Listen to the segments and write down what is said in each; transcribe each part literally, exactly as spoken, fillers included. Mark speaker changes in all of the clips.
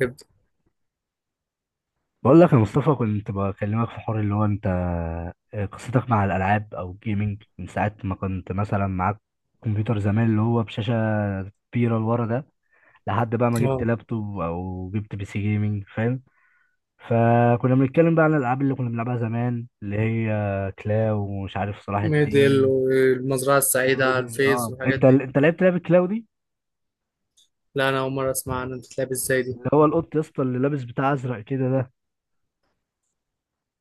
Speaker 1: تبدأ.
Speaker 2: بقول لك يا مصطفى كنت بكلمك في حوار اللي هو انت آه، قصتك مع الالعاب او الجيمنج من ساعه ما كنت مثلا معاك كمبيوتر زمان اللي هو بشاشه كبيره لورا ده لحد بقى ما جبت
Speaker 1: اه
Speaker 2: لابتوب او جبت بي سي جيمنج فاهم. فكنا بنتكلم بقى عن الالعاب اللي كنا بنلعبها زمان اللي هي كلاو ومش عارف صلاح
Speaker 1: ميدل
Speaker 2: الدين
Speaker 1: والمزرعة السعيدة على
Speaker 2: ورودي.
Speaker 1: الفيس
Speaker 2: اه
Speaker 1: والحاجات
Speaker 2: انت
Speaker 1: دي.
Speaker 2: انت لعبت لعبه كلاو دي.
Speaker 1: لا، أنا أول مرة أسمع عنها، بتتلعب إزاي دي؟
Speaker 2: اللي هو القط يا اسطى اللي لابس بتاع ازرق كده ده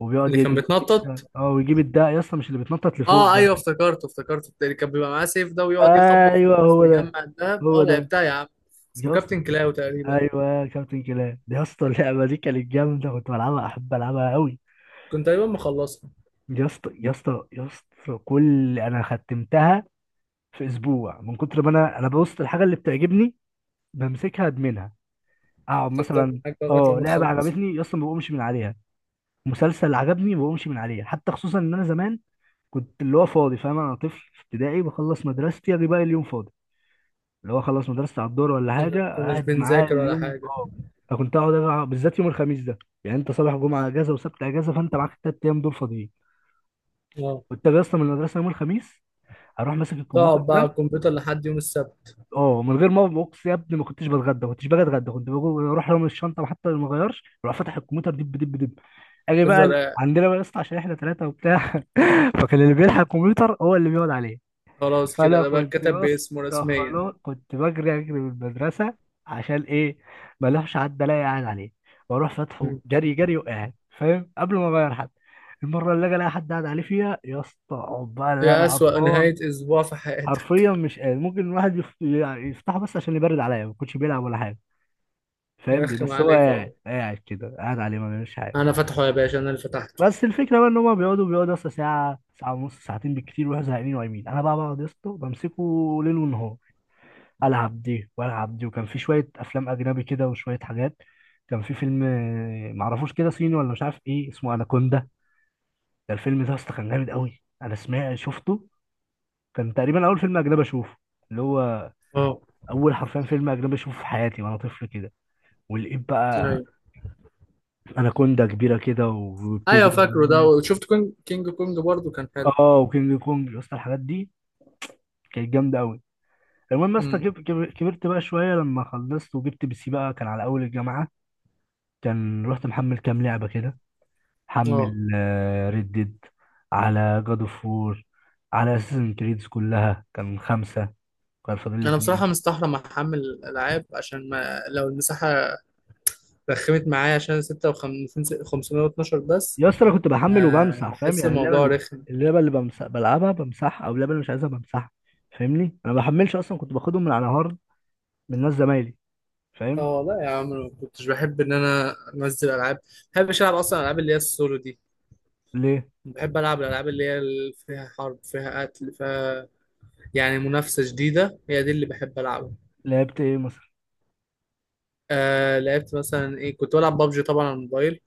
Speaker 2: وبيقعد
Speaker 1: اللي
Speaker 2: يجري
Speaker 1: كان
Speaker 2: ويجيب
Speaker 1: بيتنطط.
Speaker 2: الدق- اه ويجيب الدق يا اسطى مش اللي بيتنطط لفوق
Speaker 1: اه
Speaker 2: ده.
Speaker 1: ايوه، افتكرته افتكرته اللي كان بيبقى معاه سيف ده ويقعد يخبط في
Speaker 2: ايوه
Speaker 1: الكاس
Speaker 2: هو ده
Speaker 1: ويجمع الدهب، اه
Speaker 2: هو ده
Speaker 1: لعبتها يا عم. اسمه
Speaker 2: يا اسطى.
Speaker 1: كابتن كلاو تقريبا.
Speaker 2: ايوه كابتن كلاب يا اسطى اللعبه دي كانت جامده كنت بلعبها احب العبها قوي
Speaker 1: كنت تقريبا مخلصها.
Speaker 2: يا اسطى يا اسطى يا اسطى كل انا ختمتها في اسبوع من كتر ما انا انا ببص الحاجه اللي بتعجبني بمسكها ادمنها اقعد
Speaker 1: تفضل
Speaker 2: مثلا.
Speaker 1: معاك بقى لغاية
Speaker 2: اه
Speaker 1: لما
Speaker 2: لعبه
Speaker 1: تخلصها.
Speaker 2: عجبتني يا اسطى ما بقومش من عليها. مسلسل عجبني ما بقومش من عليها حتى، خصوصا ان انا زمان كنت اللي هو فاضي فاهم، انا طفل في ابتدائي بخلص مدرستي اجي بقى اليوم فاضي اللي هو خلص مدرسة على الدور ولا حاجة
Speaker 1: ما كناش
Speaker 2: قاعد معاه
Speaker 1: بنذاكر ولا
Speaker 2: اليوم.
Speaker 1: حاجة.
Speaker 2: اه، أنا كنت أقعد أجع- بالذات يوم الخميس ده يعني أنت صالح جمعة أجازة وسبت أجازة، فأنت معاك التلات أيام دول فاضيين.
Speaker 1: اه.
Speaker 2: كنت أجي أصلا من المدرسة يوم الخميس أروح ماسك الكمبيوتر
Speaker 1: تقعد بقى على
Speaker 2: ده.
Speaker 1: الكمبيوتر لحد يوم السبت.
Speaker 2: أه، من غير ما بوكس يا ابني ما كنتش بتغدى ما كنتش باجي أتغدى كنت بجو- بروح رامي الشنطة حتى لو ما غيرش أروح فاتح الكمبيوتر دب دب دب. أجي بقى
Speaker 1: تفضل
Speaker 2: ال-
Speaker 1: قاعد.
Speaker 2: عندنا بقى يا اسطى عشان إحنا تلاتة وبتاع فكان اللي بيلحق الكمبيوتر هو اللي بيقعد عليه.
Speaker 1: خلاص كده
Speaker 2: فانا
Speaker 1: ده بقى
Speaker 2: كنت
Speaker 1: اتكتب
Speaker 2: يا
Speaker 1: باسمه
Speaker 2: اسطى
Speaker 1: رسميا.
Speaker 2: خلاص كنت بجري اجري من المدرسه، عشان ايه؟ ما اروحش حد الاقي قاعد عليه، واروح فاتحه
Speaker 1: مم.
Speaker 2: جري جري وقاعد فاهم قبل ما اغير حد. المره اللي اجي الاقي حد قاعد عليه فيها يا اسطى اقعد بقى اللي
Speaker 1: يا
Speaker 2: انا
Speaker 1: أسوأ
Speaker 2: قرفان،
Speaker 1: نهاية أسبوع في حياتك.
Speaker 2: حرفيا مش قادر. ممكن الواحد يف... يعني يفتحه بس عشان يبرد عليا، ما كنتش بيلعب ولا حاجه فاهم، بي-
Speaker 1: يرخم
Speaker 2: بس هو
Speaker 1: عليك، اه.
Speaker 2: قاعد قاعد كده قاعد عليه ما بيعملش حاجه.
Speaker 1: انا فتحه يا باشا، انا اللي فتحته.
Speaker 2: بس الفكره بقى ان هما بيقعدوا بيقعدوا يا اسطى ساعه ساعه ونص ساعتين بالكتير ويروحوا زهقانين ونايمين، انا بقى بقعد يا اسطى بمسكه ليل ونهار، العب دي والعب دي. وكان في شويه افلام اجنبي كده وشويه حاجات. كان في فيلم آه، معرفوش كده صيني ولا مش عارف ايه اسمه اناكوندا. ده الفيلم ده اصلا كان جامد قوي، انا سمعت شفته. كان تقريبا اول فيلم اجنبي اشوفه، اللي هو
Speaker 1: اه
Speaker 2: اول حرفيا فيلم اجنبي اشوفه في حياتي وانا طفل كده. ولقيت بقى
Speaker 1: ايوه
Speaker 2: اناكوندا كبيره كده وبتجري
Speaker 1: ايوه، فاكره ده،
Speaker 2: والناس.
Speaker 1: وشفت كونج كينج كونج برضو كان حلو.
Speaker 2: اه وكينج كونج يا اسطى الحاجات دي كانت جامده قوي. المهم يا اسطى
Speaker 1: امم.
Speaker 2: كب- كب- كبرت بقى شويه لما خلصت وجبت بي سي بقى كان على اول الجامعه. كان رحت محمل كام لعبه كده.
Speaker 1: اه
Speaker 2: حمل ريد ديد، على جاد اوف وور، على اساسن كريدز، كلها كان خمسة كان فاضل لي
Speaker 1: انا بصراحه
Speaker 2: اتنين.
Speaker 1: مستحرم احمل الالعاب عشان ما لو المساحه رخمت معايا عشان ستة وخمسين خمسمية واتناشر بس.
Speaker 2: يا اسطى انا كنت بحمل
Speaker 1: آه،
Speaker 2: وبمسح فاهم
Speaker 1: احس
Speaker 2: يعني. اللعبة
Speaker 1: الموضوع
Speaker 2: ال-
Speaker 1: رخم.
Speaker 2: اللعبة اللي بمسح بلعبها بمسحها، او اللعبة اللي مش عايزها بمسحها فاهمني، انا ما بحملش اصلا كنت باخدهم من على هارد من ناس زمايلي فاهم.
Speaker 1: اه لا يا عم، أنا ما كنتش بحب ان انا انزل العاب. ما بحبش العب اصلا الالعاب اللي هي السولو دي.
Speaker 2: ليه
Speaker 1: بحب العب الالعاب اللي هي اللي فيها حرب، فيها قتل، فيها يعني منافسه جديده، هي دي اللي بحب العبها.
Speaker 2: لعبت ايه مثلا؟
Speaker 1: آه لعبت مثلا ايه؟ كنت بلعب بابجي طبعا على الموبايل.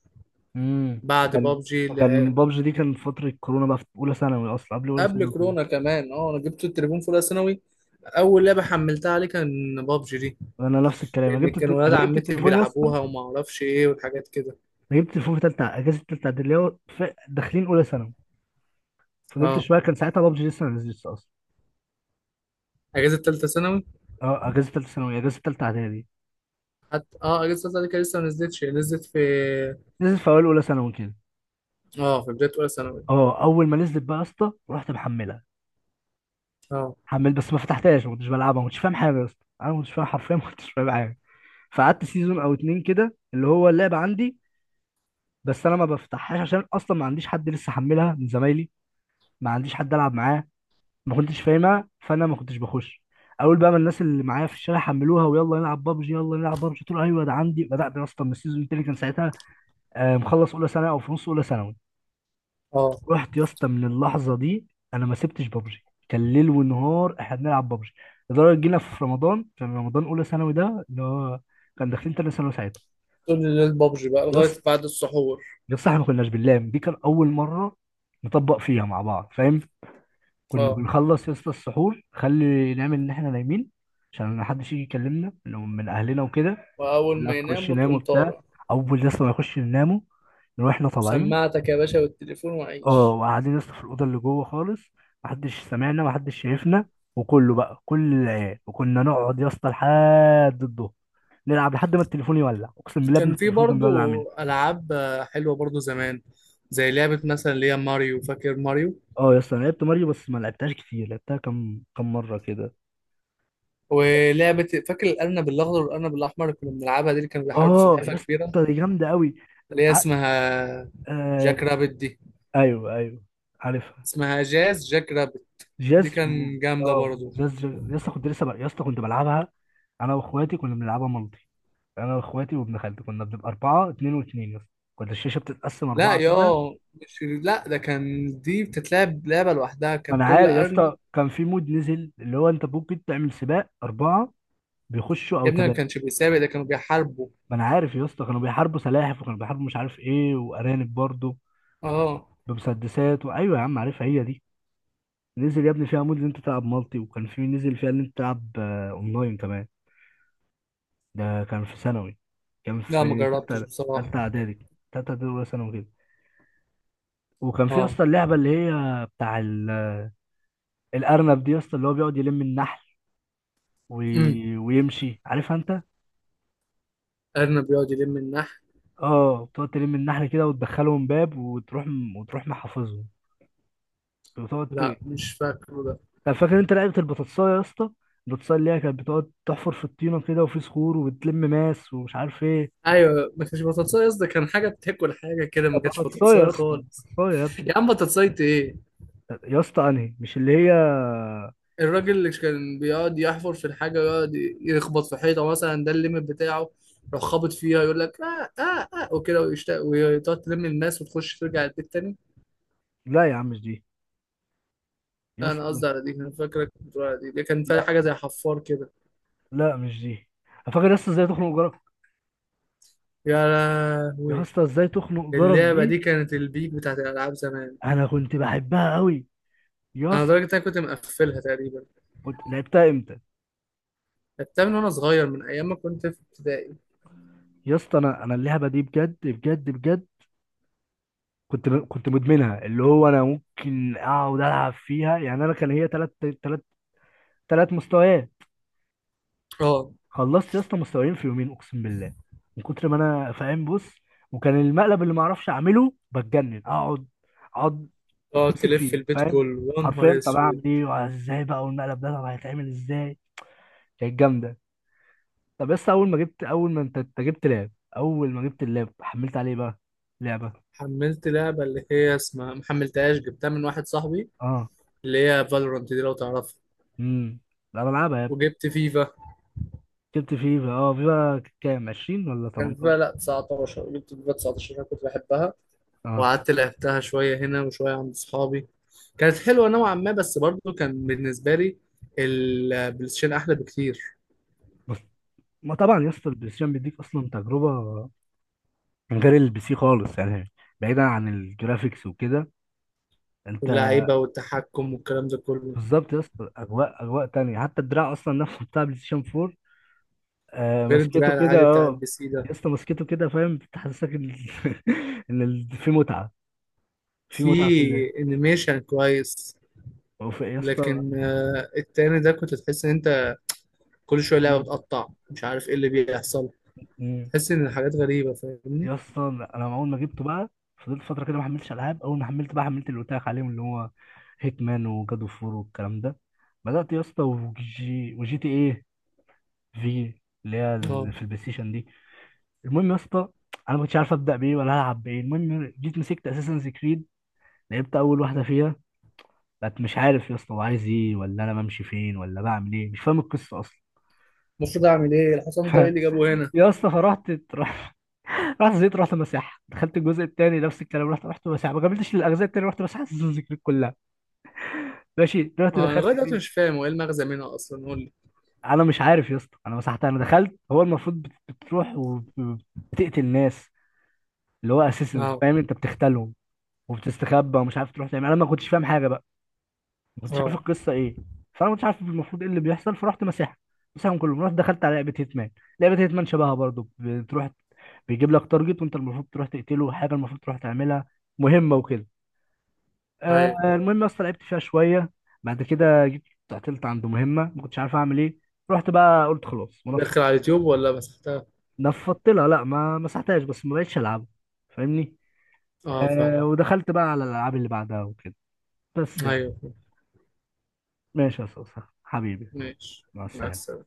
Speaker 2: امم
Speaker 1: بعد
Speaker 2: كان
Speaker 1: بابجي
Speaker 2: كان
Speaker 1: لعبت.
Speaker 2: بابجي دي كان في فترة كورونا بقى في اولى ثانوي، اصلا قبل اولى
Speaker 1: قبل
Speaker 2: ثانوي كمان.
Speaker 1: كورونا كمان. اه انا جبت التليفون في اولى ثانوي. اول لعبه حملتها عليه كان بابجي دي.
Speaker 2: انا نفس الكلام انا
Speaker 1: لان
Speaker 2: جبت
Speaker 1: كان
Speaker 2: الت...
Speaker 1: ولاد
Speaker 2: انا جبت
Speaker 1: عمتي
Speaker 2: التليفون يا اسطى.
Speaker 1: بيلعبوها وما اعرفش ايه والحاجات كده.
Speaker 2: انا جبت تليفون في تالتة اجازه تالتة اعدادي اللي هو في- داخلين اولى ثانوي. فضلت
Speaker 1: اه
Speaker 2: شويه كان ساعتها بابجي لسه ما نزلتش اصلا.
Speaker 1: اجازه ثالثه ثانوي.
Speaker 2: اه اجازه تالتة ثانوي اجازه تالتة اعدادي.
Speaker 1: حتى اه اجازه ثالثه ثانوي كان لسه ما نزلتش، هي نزلت في.
Speaker 2: نزلت في اوائل اولى ثانوي كده.
Speaker 1: اه في بدايه اولى ثانوي.
Speaker 2: اه اول ما نزلت بقى يا اسطى رحت محملها،
Speaker 1: اه.
Speaker 2: حمل، بس ما فتحتهاش ما كنتش بلعبها ما كنتش فاهم حاجه يا اسطى، انا ما كنتش فاهم حرفيا ما كنتش فاهم حاجه. فقعدت سيزون او اتنين كده اللي هو اللعبه عندي بس انا ما بفتحهاش عشان اصلا ما عنديش حد لسه حملها من زمايلي، ما عنديش حد العب معاه، ما كنتش فاهمها فانا ما كنتش بخش. اول بقى ما الناس اللي معايا في الشارع حملوها، ويلا نلعب بابجي يلا نلعب بابجي، قلت له ايوه ده عندي. بدات يا اسطى من السيزون التاني، كان ساعتها آه، مخلص اولى ثانوي او في نص اولى ثانوي.
Speaker 1: اه
Speaker 2: رحت يا اسطى من اللحظه دي انا ما سبتش بابجي، كان ليل ونهار احنا بنلعب بابجي. لدرجه جينا في رمضان كان رمضان اولى ثانوي ده اللي هو كان داخلين تاني ثانوي ساعتها.
Speaker 1: طول الليل بابجي بقى
Speaker 2: يا
Speaker 1: لغايه
Speaker 2: اسطى
Speaker 1: بعد السحور.
Speaker 2: يا اسطى احنا ما كناش بنلام، دي كان اول مره نطبق فيها مع بعض فاهم. كنا
Speaker 1: اه
Speaker 2: بنخلص يا اسطى السحور خلي نعمل ان احنا نايمين عشان محدش يجي يكلمنا من من اهلنا وكده.
Speaker 1: واول ما
Speaker 2: لا خش
Speaker 1: ينام
Speaker 2: نام
Speaker 1: وتقوم
Speaker 2: وبتاع.
Speaker 1: طالع.
Speaker 2: اول يا اسطى ما نخش ننامه نروح احنا طالعين.
Speaker 1: سماعتك يا باشا والتليفون
Speaker 2: اه
Speaker 1: وعيش.
Speaker 2: وقاعدين يا اسطى في الاوضه اللي جوه خالص محدش سمعنا محدش شايفنا، وكله بقى كل العيال، وكنا نقعد يا اسطى لحد الظهر نلعب لحد ما التليفون يولع. اقسم بالله ابن
Speaker 1: كان في
Speaker 2: التليفون كان
Speaker 1: برضو
Speaker 2: بيولع مني.
Speaker 1: ألعاب آه، حلوة برضو زمان. زي لعبة مثلا اللي هي ماريو، فاكر ماريو؟
Speaker 2: اه يا اسطى انا لعبت ماريو بس ما لعبتهاش كتير، لعبتها كم كم مره كده.
Speaker 1: ولعبة فاكر الأرنب الأخضر والأرنب الأحمر اللي كنا بنلعبها دي، اللي كانوا بيحاربوا
Speaker 2: اه يا
Speaker 1: سلحفاة كبيرة.
Speaker 2: اسطى دي جامده قوي.
Speaker 1: اللي هي اسمها جاك رابت دي.
Speaker 2: ايوه ايوه عارفها.
Speaker 1: اسمها جاز جاك رابت. دي
Speaker 2: جاز و...
Speaker 1: كان جامدة
Speaker 2: اه
Speaker 1: برضو.
Speaker 2: جاز يا اسطى كنت لسه ب... يا اسطى كنت بلعبها. انا واخواتي كنا بنلعبها مالتي، انا واخواتي وابن خالتي كنا بنبقى اربعه اتنين واتنين يا اسطى، كنت الشاشه بتتقسم
Speaker 1: لا
Speaker 2: اربعه
Speaker 1: يا،
Speaker 2: كده.
Speaker 1: مش لا، ده كان دي بتتلعب لعبة لوحدها،
Speaker 2: ما
Speaker 1: كان
Speaker 2: انا
Speaker 1: كل
Speaker 2: عارف يا
Speaker 1: أرنب.
Speaker 2: اسطى كان في مود نزل اللي هو انت ممكن تعمل سباق اربعه بيخشوا
Speaker 1: يا
Speaker 2: او
Speaker 1: ابني ما
Speaker 2: ثلاثه.
Speaker 1: كانش بيسابق، ده كانوا بيحاربوا.
Speaker 2: ما انا عارف يا اسطى كانوا بيحاربوا سلاحف وكانوا بيحاربوا مش عارف ايه وارانب برضه
Speaker 1: اه
Speaker 2: بمسدسات، وايوه يا عم عارفها هي دي. نزل يا ابني فيها مود ان انت تلعب مالتي، وكان في نزل فيها ان انت تلعب آه، اونلاين كمان. ده كان في ثانوي، كان
Speaker 1: لا ما
Speaker 2: في
Speaker 1: جربتش
Speaker 2: تالتة،
Speaker 1: بصراحة.
Speaker 2: تالتة إعدادي، تالتة إعدادي أولى ثانوي كده. وكان في يا
Speaker 1: اه.
Speaker 2: اسطى اللعبة اللي هي بتاع ال- الأرنب دي يا اسطى اللي هو بيقعد يلم النحل
Speaker 1: امم.
Speaker 2: وي... ويمشي. عارفها أنت؟
Speaker 1: أرنب بيقعد يلم النحل.
Speaker 2: اه بتقعد تلم النحل كده وتدخلهم باب وتروح م- وتروح محافظهم. بتقعد ت...
Speaker 1: لا مش فاكره ده.
Speaker 2: طب فاكر أنت لعبة البطاطساية يا اسطى؟ البطاطساية اللي هي كانت بتقعد تحفر في الطينة كده وفي صخور وبتلم ماس ومش عارف إيه.
Speaker 1: ايوه ما كانش بطاطساي، قصدي كان حاجه بتاكل حاجه كده، ما
Speaker 2: كانت
Speaker 1: كانش
Speaker 2: بطاطساية يا
Speaker 1: بطاطساي
Speaker 2: اسطى
Speaker 1: خالص.
Speaker 2: بطاطساية يا ابني.
Speaker 1: يا عم بطاطساي ايه؟
Speaker 2: يا اسطى أنهي؟ مش اللي هي.
Speaker 1: الراجل اللي كان بيقعد يحفر في الحاجه ويقعد يخبط في حيطه مثلا، ده الليمت بتاعه. يروح خابط فيها يقول لك اه اه اه وكده ويشتاق، وتقعد تلم الماس وتخش ترجع البيت تاني.
Speaker 2: لا يا عم مش دي يا
Speaker 1: لا، انا
Speaker 2: اسطى.
Speaker 1: قصدي على دي، انا فاكرك بتقول على دي، دي كان فيها
Speaker 2: لا
Speaker 1: حاجه زي حفار كده.
Speaker 2: لا مش دي. فاكر يا اسطى ازاي تخنق جارك؟
Speaker 1: يا
Speaker 2: يا
Speaker 1: لهوي.
Speaker 2: اسطى ازاي تخنق جارك
Speaker 1: اللعبه
Speaker 2: دي
Speaker 1: دي كانت البيك بتاعت الالعاب زمان.
Speaker 2: انا كنت بحبها قوي يا
Speaker 1: انا
Speaker 2: اسطى.
Speaker 1: لدرجه إن انا كنت مقفلها تقريبا.
Speaker 2: كنت لعبتها امتى؟
Speaker 1: لعبتها من وانا صغير، من ايام ما كنت في ابتدائي.
Speaker 2: يا اسطى انا انا اللعبه دي بجد بجد بجد كنت م... كنت مدمنها اللي هو انا ممكن اقعد العب فيها، يعني انا كان هي ثلاث ثلاث ثلاث مستويات،
Speaker 1: اه
Speaker 2: خلصت يا اسطى مستويين في يومين اقسم بالله من كتر ما انا فاهم بص. وكان المقلب اللي ما اعرفش اعمله بتجنن، اقعد اقعد
Speaker 1: تقعد
Speaker 2: امسك
Speaker 1: تلف
Speaker 2: فيه
Speaker 1: البيت
Speaker 2: فاهم،
Speaker 1: كله، يا نهار
Speaker 2: حرفيا طب
Speaker 1: اسود.
Speaker 2: اعمل ايه وازاي بقى والمقلب ده طب هيتعمل ازاي. كانت جامده. طب بس اول ما جبت اول ما انت أنت جبت لاب. اول ما جبت اللاب حملت عليه بقى لعبه.
Speaker 1: حملت لعبة اللي هي اسمها، محملتهاش، جبتها من واحد صاحبي.
Speaker 2: اه
Speaker 1: اللي هي فالورانت دي لو تعرفها.
Speaker 2: امم لا بلعبها يا ابني.
Speaker 1: وجبت فيفا.
Speaker 2: جبت فيفا اه فيفا كام عشرين ولا
Speaker 1: كان فيها
Speaker 2: تمنتاشر.
Speaker 1: لا تسعتاشر، جبت فيفا تسعة عشر انا كنت بحبها.
Speaker 2: اه
Speaker 1: وقعدت لعبتها شوية هنا وشوية عند صحابي. كانت حلوة نوعا ما، بس برضو كان بالنسبة لي البلايستيشن أحلى بكتير.
Speaker 2: بس ما طبعا يا اسطى البلاي ستيشن بيديك اصلا تجربه من غير البي سي خالص يعني، بعيدا عن الجرافيكس وكده انت.
Speaker 1: واللعيبة والتحكم والكلام ده كله.
Speaker 2: بالظبط يا اسطى اجواء اجواء تانية، حتى الدراع اصلا نفسه بتاع بلاي ستيشن فور. آه
Speaker 1: غير
Speaker 2: مسكته
Speaker 1: الدراع
Speaker 2: كده
Speaker 1: العادي بتاع
Speaker 2: اه
Speaker 1: البي سي ده.
Speaker 2: يا اسطى مسكته كده فاهم، بتحسسك ان ان ال- في متعه في
Speaker 1: في
Speaker 2: متعه في اللعب،
Speaker 1: انيميشن كويس.
Speaker 2: وفي- يا اسطى.
Speaker 1: لكن آه، التاني ده كنت تحس ان انت كل شويه لعبه
Speaker 2: مم.
Speaker 1: بتقطع، مش عارف ايه اللي بيحصل.
Speaker 2: مم.
Speaker 1: تحس ان الحاجات غريبه، فاهمني؟
Speaker 2: يا اسطى انا اول ما جبته بقى فضلت فتره كده ما حملتش العاب. اول ما حملت بقى حملت اللي قلت لك عليهم اللي هو هيتمان وجاد اوف وور والكلام ده. بدات يا اسطى وجي وجي تي ايه في اللي هي ال-
Speaker 1: اه.
Speaker 2: في البلاي ستيشن دي. المهم يا اسطى انا ما كنتش عارف ابدا بايه ولا العب بايه. المهم جيت مسكت اساسن كريد لعبت اول واحده فيها، بقت مش عارف يا اسطى هو عايز ايه ولا انا بمشي فين ولا بعمل ايه، مش فاهم القصه اصلا.
Speaker 1: المفروض اعمل ايه، الحصان
Speaker 2: ف-
Speaker 1: ده ايه اللي جابه هنا؟
Speaker 2: يا اسطى فرحت رحت، رحت زيت، رحت مساحة. دخلت الجزء الثاني نفس الكلام، رحت رحت مساحة، ما كملتش للاجزاء الثانيه، رحت مساحة سيزون ذكرك كلها. ماشي دلوقتي
Speaker 1: اه انا
Speaker 2: دخلت
Speaker 1: لغايه دلوقتي
Speaker 2: فين؟
Speaker 1: مش فاهم هو ايه المغزى منها اصلا، قول لي.
Speaker 2: انا مش عارف يا اسطى انا مسحتها. انا دخلت هو المفروض بت- بتروح وبتقتل ناس اللي هو اساسنز
Speaker 1: اه.
Speaker 2: فاهم انت بتختلهم وبتستخبى ومش عارف تروح تعمل، انا ما كنتش فاهم حاجه بقى، ما كنتش عارف
Speaker 1: اه
Speaker 2: القصه ايه. فانا ما كنتش عارف المفروض ايه اللي بيحصل، فرحت مساحه مساحهم كلهم. رحت دخلت على لعبه هيتمان، لعبه هيتمان شبهها برضو بتروح بيجيب لك تارجت وانت المفروض تروح تقتله، حاجه المفروض تروح تعملها مهمه وكده. آه
Speaker 1: ايوه
Speaker 2: المهم يا اسطى لعبت فيها شويه، بعد كده جيت قتلت عنده مهمه، ما كنتش عارف اعمل ايه، رحت بقى قلت خلاص ونفضت
Speaker 1: داخل على اليوتيوب ولا مسحتها؟
Speaker 2: نفضت لها، لا ما مسحتهاش بس ما بقتش العبها فاهمني.
Speaker 1: اه
Speaker 2: آه
Speaker 1: فاهم.
Speaker 2: ودخلت بقى على الالعاب اللي بعدها وكده، بس يعني.
Speaker 1: ايوه فاهم.
Speaker 2: ماشي يا اسطى حبيبي.
Speaker 1: ماشي.
Speaker 2: مع
Speaker 1: مع
Speaker 2: السلامه.
Speaker 1: السلامه.